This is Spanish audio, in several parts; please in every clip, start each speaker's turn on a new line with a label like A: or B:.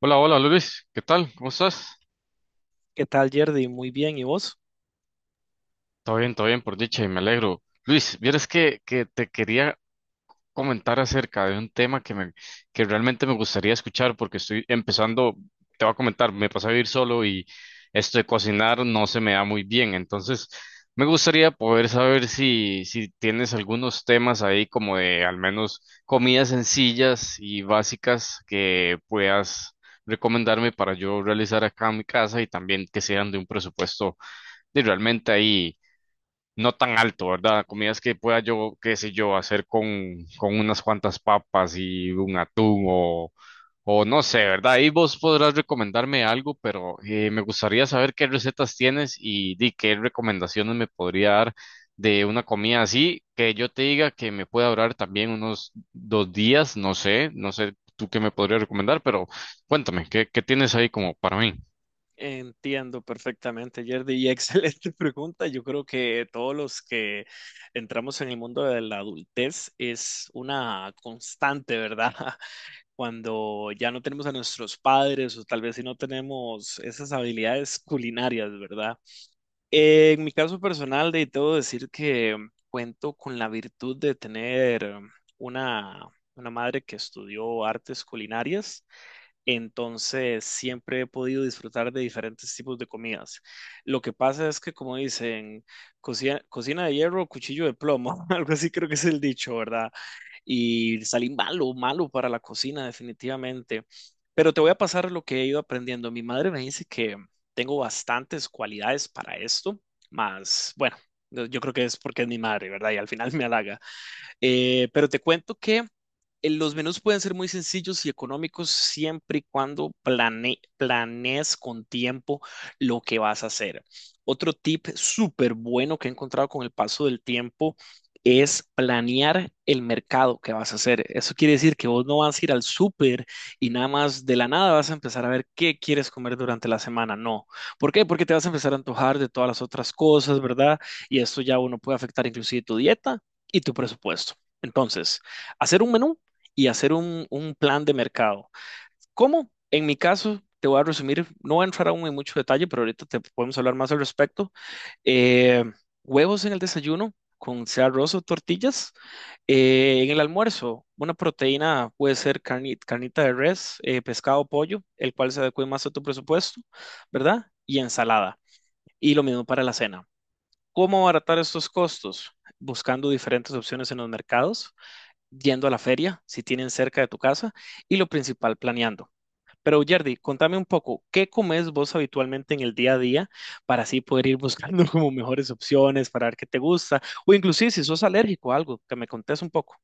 A: Hola, hola Luis, ¿qué tal? ¿Cómo estás?
B: ¿Qué tal, Yerdy? Muy bien, ¿y vos?
A: Todo bien, por dicha, y me alegro. Luis, vieras que te quería comentar acerca de un tema que que realmente me gustaría escuchar porque estoy empezando, te voy a comentar, me pasé a vivir solo y esto de cocinar no se me da muy bien, entonces me gustaría poder saber si tienes algunos temas ahí como de al menos comidas sencillas y básicas que puedas recomendarme para yo realizar acá en mi casa y también que sean de un presupuesto y realmente ahí no tan alto, ¿verdad? Comidas que pueda yo, qué sé yo, hacer con unas cuantas papas y un atún o no sé, ¿verdad? Ahí vos podrás recomendarme algo, pero me gustaría saber qué recetas tienes y, di qué recomendaciones me podría dar de una comida así, que yo te diga que me pueda durar también unos dos días, no sé, no sé tú qué me podrías recomendar, pero cuéntame, qué tienes ahí como para mí?
B: Entiendo perfectamente, Yerdy, y excelente pregunta. Yo creo que todos los que entramos en el mundo de la adultez es una constante, ¿verdad? Cuando ya no tenemos a nuestros padres o tal vez si no tenemos esas habilidades culinarias, ¿verdad? En mi caso personal, de debo decir que cuento con la virtud de tener una, una madre que estudió artes culinarias. Entonces, siempre he podido disfrutar de diferentes tipos de comidas. Lo que pasa es que, como dicen, cocina de hierro, cuchillo de plomo, algo así creo que es el dicho, ¿verdad? Y salí malo para la cocina, definitivamente. Pero te voy a pasar lo que he ido aprendiendo. Mi madre me dice que tengo bastantes cualidades para esto, más, bueno, yo creo que es porque es mi madre, ¿verdad? Y al final me halaga. Pero te cuento que los menús pueden ser muy sencillos y económicos siempre y cuando planees con tiempo lo que vas a hacer. Otro tip súper bueno que he encontrado con el paso del tiempo es planear el mercado que vas a hacer. Eso quiere decir que vos no vas a ir al súper y nada más de la nada vas a empezar a ver qué quieres comer durante la semana. No. ¿Por qué? Porque te vas a empezar a antojar de todas las otras cosas, ¿verdad? Y esto ya uno puede afectar inclusive tu dieta y tu presupuesto. Entonces, hacer un menú y hacer un plan de mercado. ¿Cómo? En mi caso, te voy a resumir, no voy a entrar aún en mucho detalle, pero ahorita te podemos hablar más al respecto. Eh, Huevos en el desayuno con sea arroz o tortillas. En el almuerzo, una proteína puede ser carnita de res, pescado, pollo, el cual se adecue más a tu presupuesto, ¿verdad? Y ensalada. Y lo mismo para la cena. ¿Cómo abaratar estos costos? Buscando diferentes opciones en los mercados, yendo a la feria, si tienen cerca de tu casa, y lo principal, planeando. Pero Yerdy, contame un poco, ¿qué comes vos habitualmente en el día a día para así poder ir buscando como mejores opciones, para ver qué te gusta? O inclusive si sos alérgico a algo, que me contés un poco.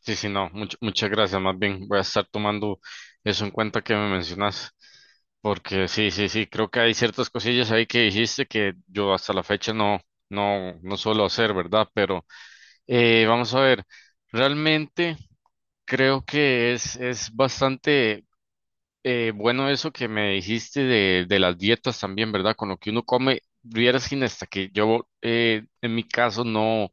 A: Sí, sí, no, muchas gracias. Más bien voy a estar tomando eso en cuenta que me mencionas, porque sí, sí, sí, creo que hay ciertas cosillas ahí que dijiste que yo hasta la fecha no suelo hacer, ¿verdad? Pero vamos a ver, realmente creo que es bastante. Bueno, eso que me dijiste de las dietas también, ¿verdad? Con lo que uno come, vieras, Gina, hasta que yo en mi caso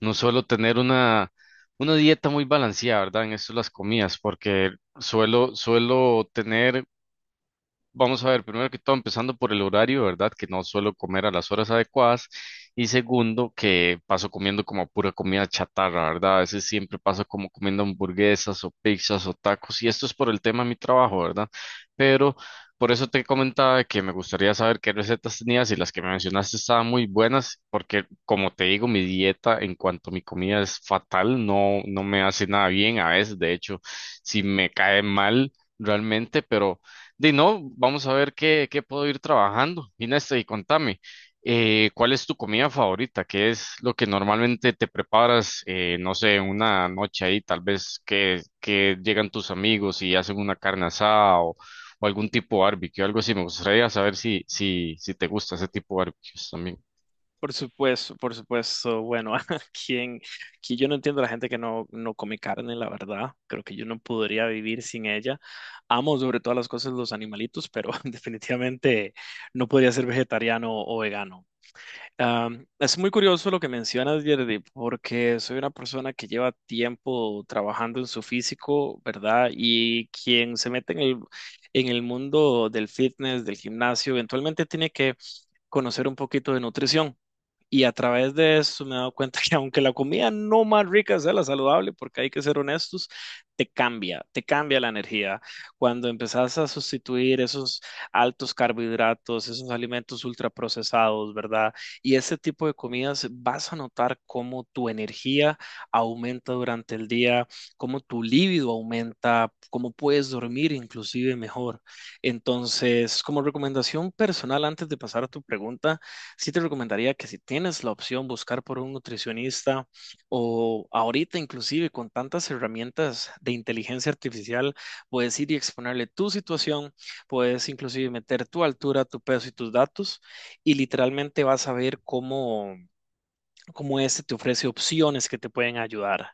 A: no suelo tener una dieta muy balanceada, ¿verdad? En esto de las comidas, porque suelo tener. Vamos a ver, primero que todo, empezando por el horario, ¿verdad? Que no suelo comer a las horas adecuadas. Y segundo, que paso comiendo como pura comida chatarra, ¿verdad? A veces siempre paso como comiendo hamburguesas o pizzas o tacos. Y esto es por el tema de mi trabajo, ¿verdad? Pero por eso te comentaba de que me gustaría saber qué recetas tenías y las que me mencionaste estaban muy buenas, porque como te digo, mi dieta en cuanto a mi comida es fatal, no, no me hace nada bien. A veces, de hecho, si me cae mal realmente, pero... De no, vamos a ver qué puedo ir trabajando. Inés, y contame, ¿cuál es tu comida favorita? ¿Qué es lo que normalmente te preparas, no sé, una noche ahí, tal vez que llegan tus amigos y hacen una carne asada o algún tipo de barbecue, algo así? Me gustaría saber si te gusta ese tipo de barbecues también.
B: Por supuesto, por supuesto. Bueno, quien, que yo no entiendo a la gente que no come carne, la verdad. Creo que yo no podría vivir sin ella. Amo sobre todas las cosas los animalitos, pero definitivamente no podría ser vegetariano o vegano. Es muy curioso lo que mencionas, Yerdy, porque soy una persona que lleva tiempo trabajando en su físico, ¿verdad? Y quien se mete en en el mundo del fitness, del gimnasio, eventualmente tiene que conocer un poquito de nutrición. Y a través de eso me he dado cuenta que aunque la comida no más rica sea la saludable, porque hay que ser honestos, te cambia la energía. Cuando empezás a sustituir esos altos carbohidratos, esos alimentos ultraprocesados, ¿verdad? Y ese tipo de comidas, vas a notar cómo tu energía aumenta durante el día, cómo tu libido aumenta, cómo puedes dormir inclusive mejor. Entonces, como recomendación personal, antes de pasar a tu pregunta, sí te recomendaría que si tienes la opción buscar por un nutricionista o ahorita inclusive con tantas herramientas de inteligencia artificial, puedes ir y exponerle tu situación, puedes inclusive meter tu altura, tu peso y tus datos y literalmente vas a ver cómo este te ofrece opciones que te pueden ayudar.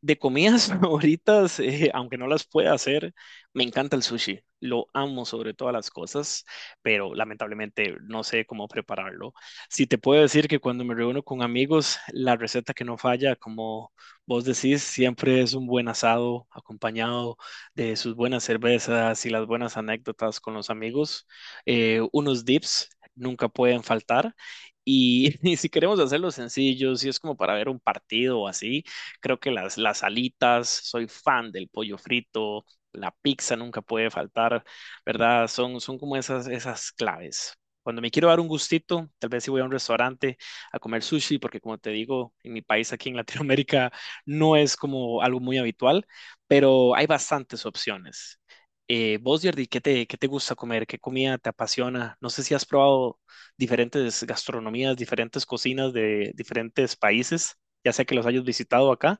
B: De comidas favoritas, aunque no las pueda hacer, me encanta el sushi. Lo amo sobre todas las cosas, pero lamentablemente no sé cómo prepararlo. Si te puedo decir que cuando me reúno con amigos, la receta que no falla, como vos decís, siempre es un buen asado acompañado de sus buenas cervezas y las buenas anécdotas con los amigos. Unos dips nunca pueden faltar. Y, y si queremos hacerlo sencillo, si es como para ver un partido o así, creo que las alitas, soy fan del pollo frito, la pizza nunca puede faltar, ¿verdad? Son como esas claves. Cuando me quiero dar un gustito, tal vez si voy a un restaurante a comer sushi, porque como te digo, en mi país aquí en Latinoamérica no es como algo muy habitual, pero hay bastantes opciones. Vos, Jordi, qué te gusta comer? ¿Qué comida te apasiona? No sé si has probado diferentes gastronomías, diferentes cocinas de diferentes países, ya sea que los hayas visitado acá,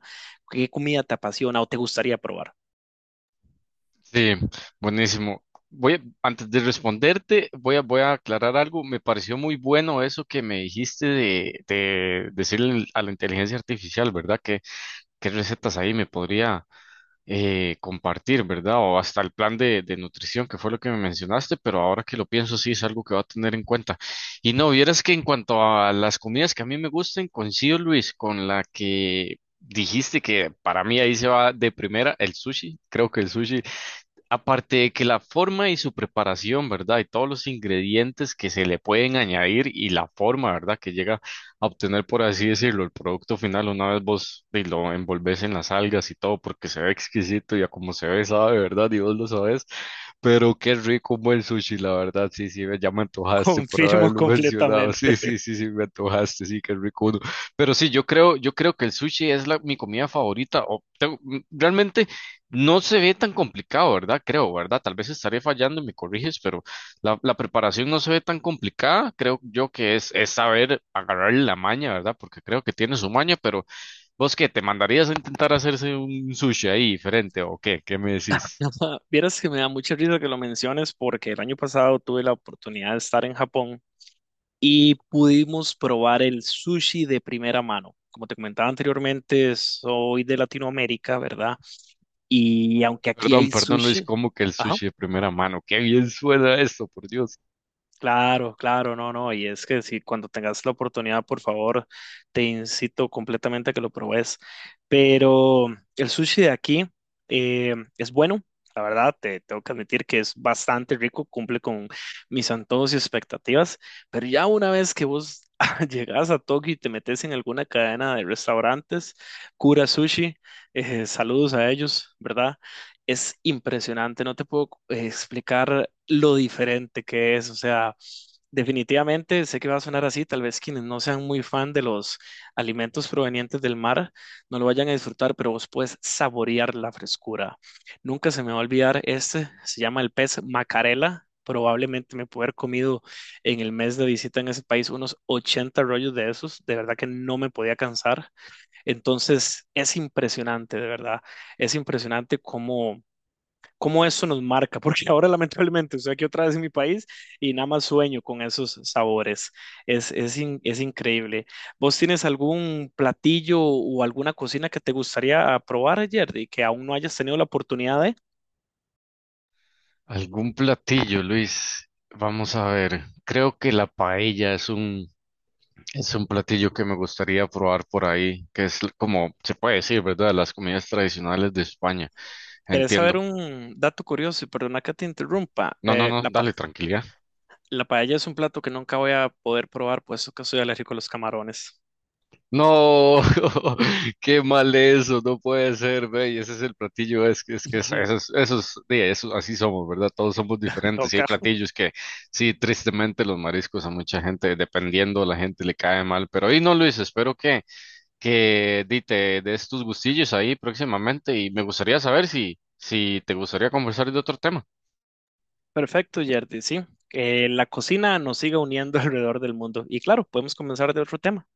B: ¿qué comida te apasiona o te gustaría probar?
A: Sí, buenísimo. Voy a- Antes de responderte, voy a aclarar algo. Me pareció muy bueno eso que me dijiste de decirle a la inteligencia artificial, ¿verdad? Qué recetas ahí me podría compartir? ¿Verdad? O hasta el plan de nutrición, que fue lo que me mencionaste, pero ahora que lo pienso, sí es algo que va a tener en cuenta. Y no, vieras que en cuanto a las comidas que a mí me gusten, coincido, Luis, con la que dijiste que para mí ahí se va de primera el sushi. Creo que el sushi, aparte de que la forma y su preparación, ¿verdad? Y todos los ingredientes que se le pueden añadir y la forma, ¿verdad? Que llega a obtener, por así decirlo, el producto final una vez vos y lo envolves en las algas y todo, porque se ve exquisito y a como se ve, sabe, ¿verdad? Y vos lo sabes. Pero qué rico un buen sushi, la verdad, sí, sí, ya me antojaste por
B: Confirmo
A: haberlo mencionado,
B: completamente.
A: sí, sí, sí, sí, me antojaste, sí, qué rico uno. Pero sí, yo creo que el sushi es mi comida favorita, o tengo- mm, realmente no se ve tan complicado, ¿verdad? Creo, ¿verdad? Tal vez estaré fallando y me corriges, pero la preparación no se ve tan complicada, creo yo que es saber agarrar la maña, ¿verdad? Porque creo que tiene su maña, pero ¿vos qué, te mandarías a intentar hacerse un sushi ahí diferente o qué? ¿Qué me decís?
B: Vieras que me da mucha risa que lo menciones porque el año pasado tuve la oportunidad de estar en Japón y pudimos probar el sushi de primera mano. Como te comentaba anteriormente, soy de Latinoamérica, ¿verdad? Y aunque aquí
A: Perdón,
B: hay
A: perdón Luis,
B: sushi,
A: ¿cómo que el
B: ajá.
A: sushi de primera mano? Qué bien suena esto, por Dios.
B: Claro, no, y es que si cuando tengas la oportunidad, por favor, te incito completamente a que lo pruebes. Pero el sushi de aquí es bueno, la verdad, te tengo que admitir que es bastante rico, cumple con mis antojos y expectativas, pero ya una vez que vos llegas a Tokio y te metes en alguna cadena de restaurantes, Kura Sushi, saludos a ellos, ¿verdad? Es impresionante, no te puedo explicar lo diferente que es, o sea, definitivamente, sé que va a sonar así, tal vez quienes no sean muy fan de los alimentos provenientes del mar no lo vayan a disfrutar, pero vos puedes saborear la frescura. Nunca se me va a olvidar, este se llama el pez macarela, probablemente me pude haber comido en el mes de visita en ese país unos 80 rollos de esos, de verdad que no me podía cansar. Entonces, es impresionante, de verdad, es impresionante cómo eso nos marca, porque ahora lamentablemente estoy aquí otra vez en mi país y nada más sueño con esos sabores. Es increíble. ¿Vos tienes algún platillo o alguna cocina que te gustaría probar, Jerry, que aún no hayas tenido la oportunidad de?
A: ¿Algún platillo, Luis? Vamos a ver. Creo que la paella es es un platillo que me gustaría probar por ahí, que es como se puede decir, ¿verdad? Las comidas tradicionales de España.
B: ¿Querés saber
A: Entiendo.
B: un dato curioso? Y perdona que te interrumpa.
A: No, no, no, dale, tranquilidad.
B: La paella es un plato que nunca voy a poder probar, puesto que soy alérgico a los camarones.
A: No, qué mal eso, no puede ser, ve, y ese es el platillo, es que eso sí, eso- así somos, ¿verdad? Todos somos diferentes, y hay
B: Toca.
A: platillos que sí, tristemente los mariscos a mucha gente, dependiendo, la gente le cae mal, pero ahí no, Luis, espero que di, te des tus gustillos ahí próximamente, y me gustaría saber si te gustaría conversar de otro tema.
B: Perfecto, Yerdy, sí. La cocina nos sigue uniendo alrededor del mundo. Y claro, podemos comenzar de otro tema.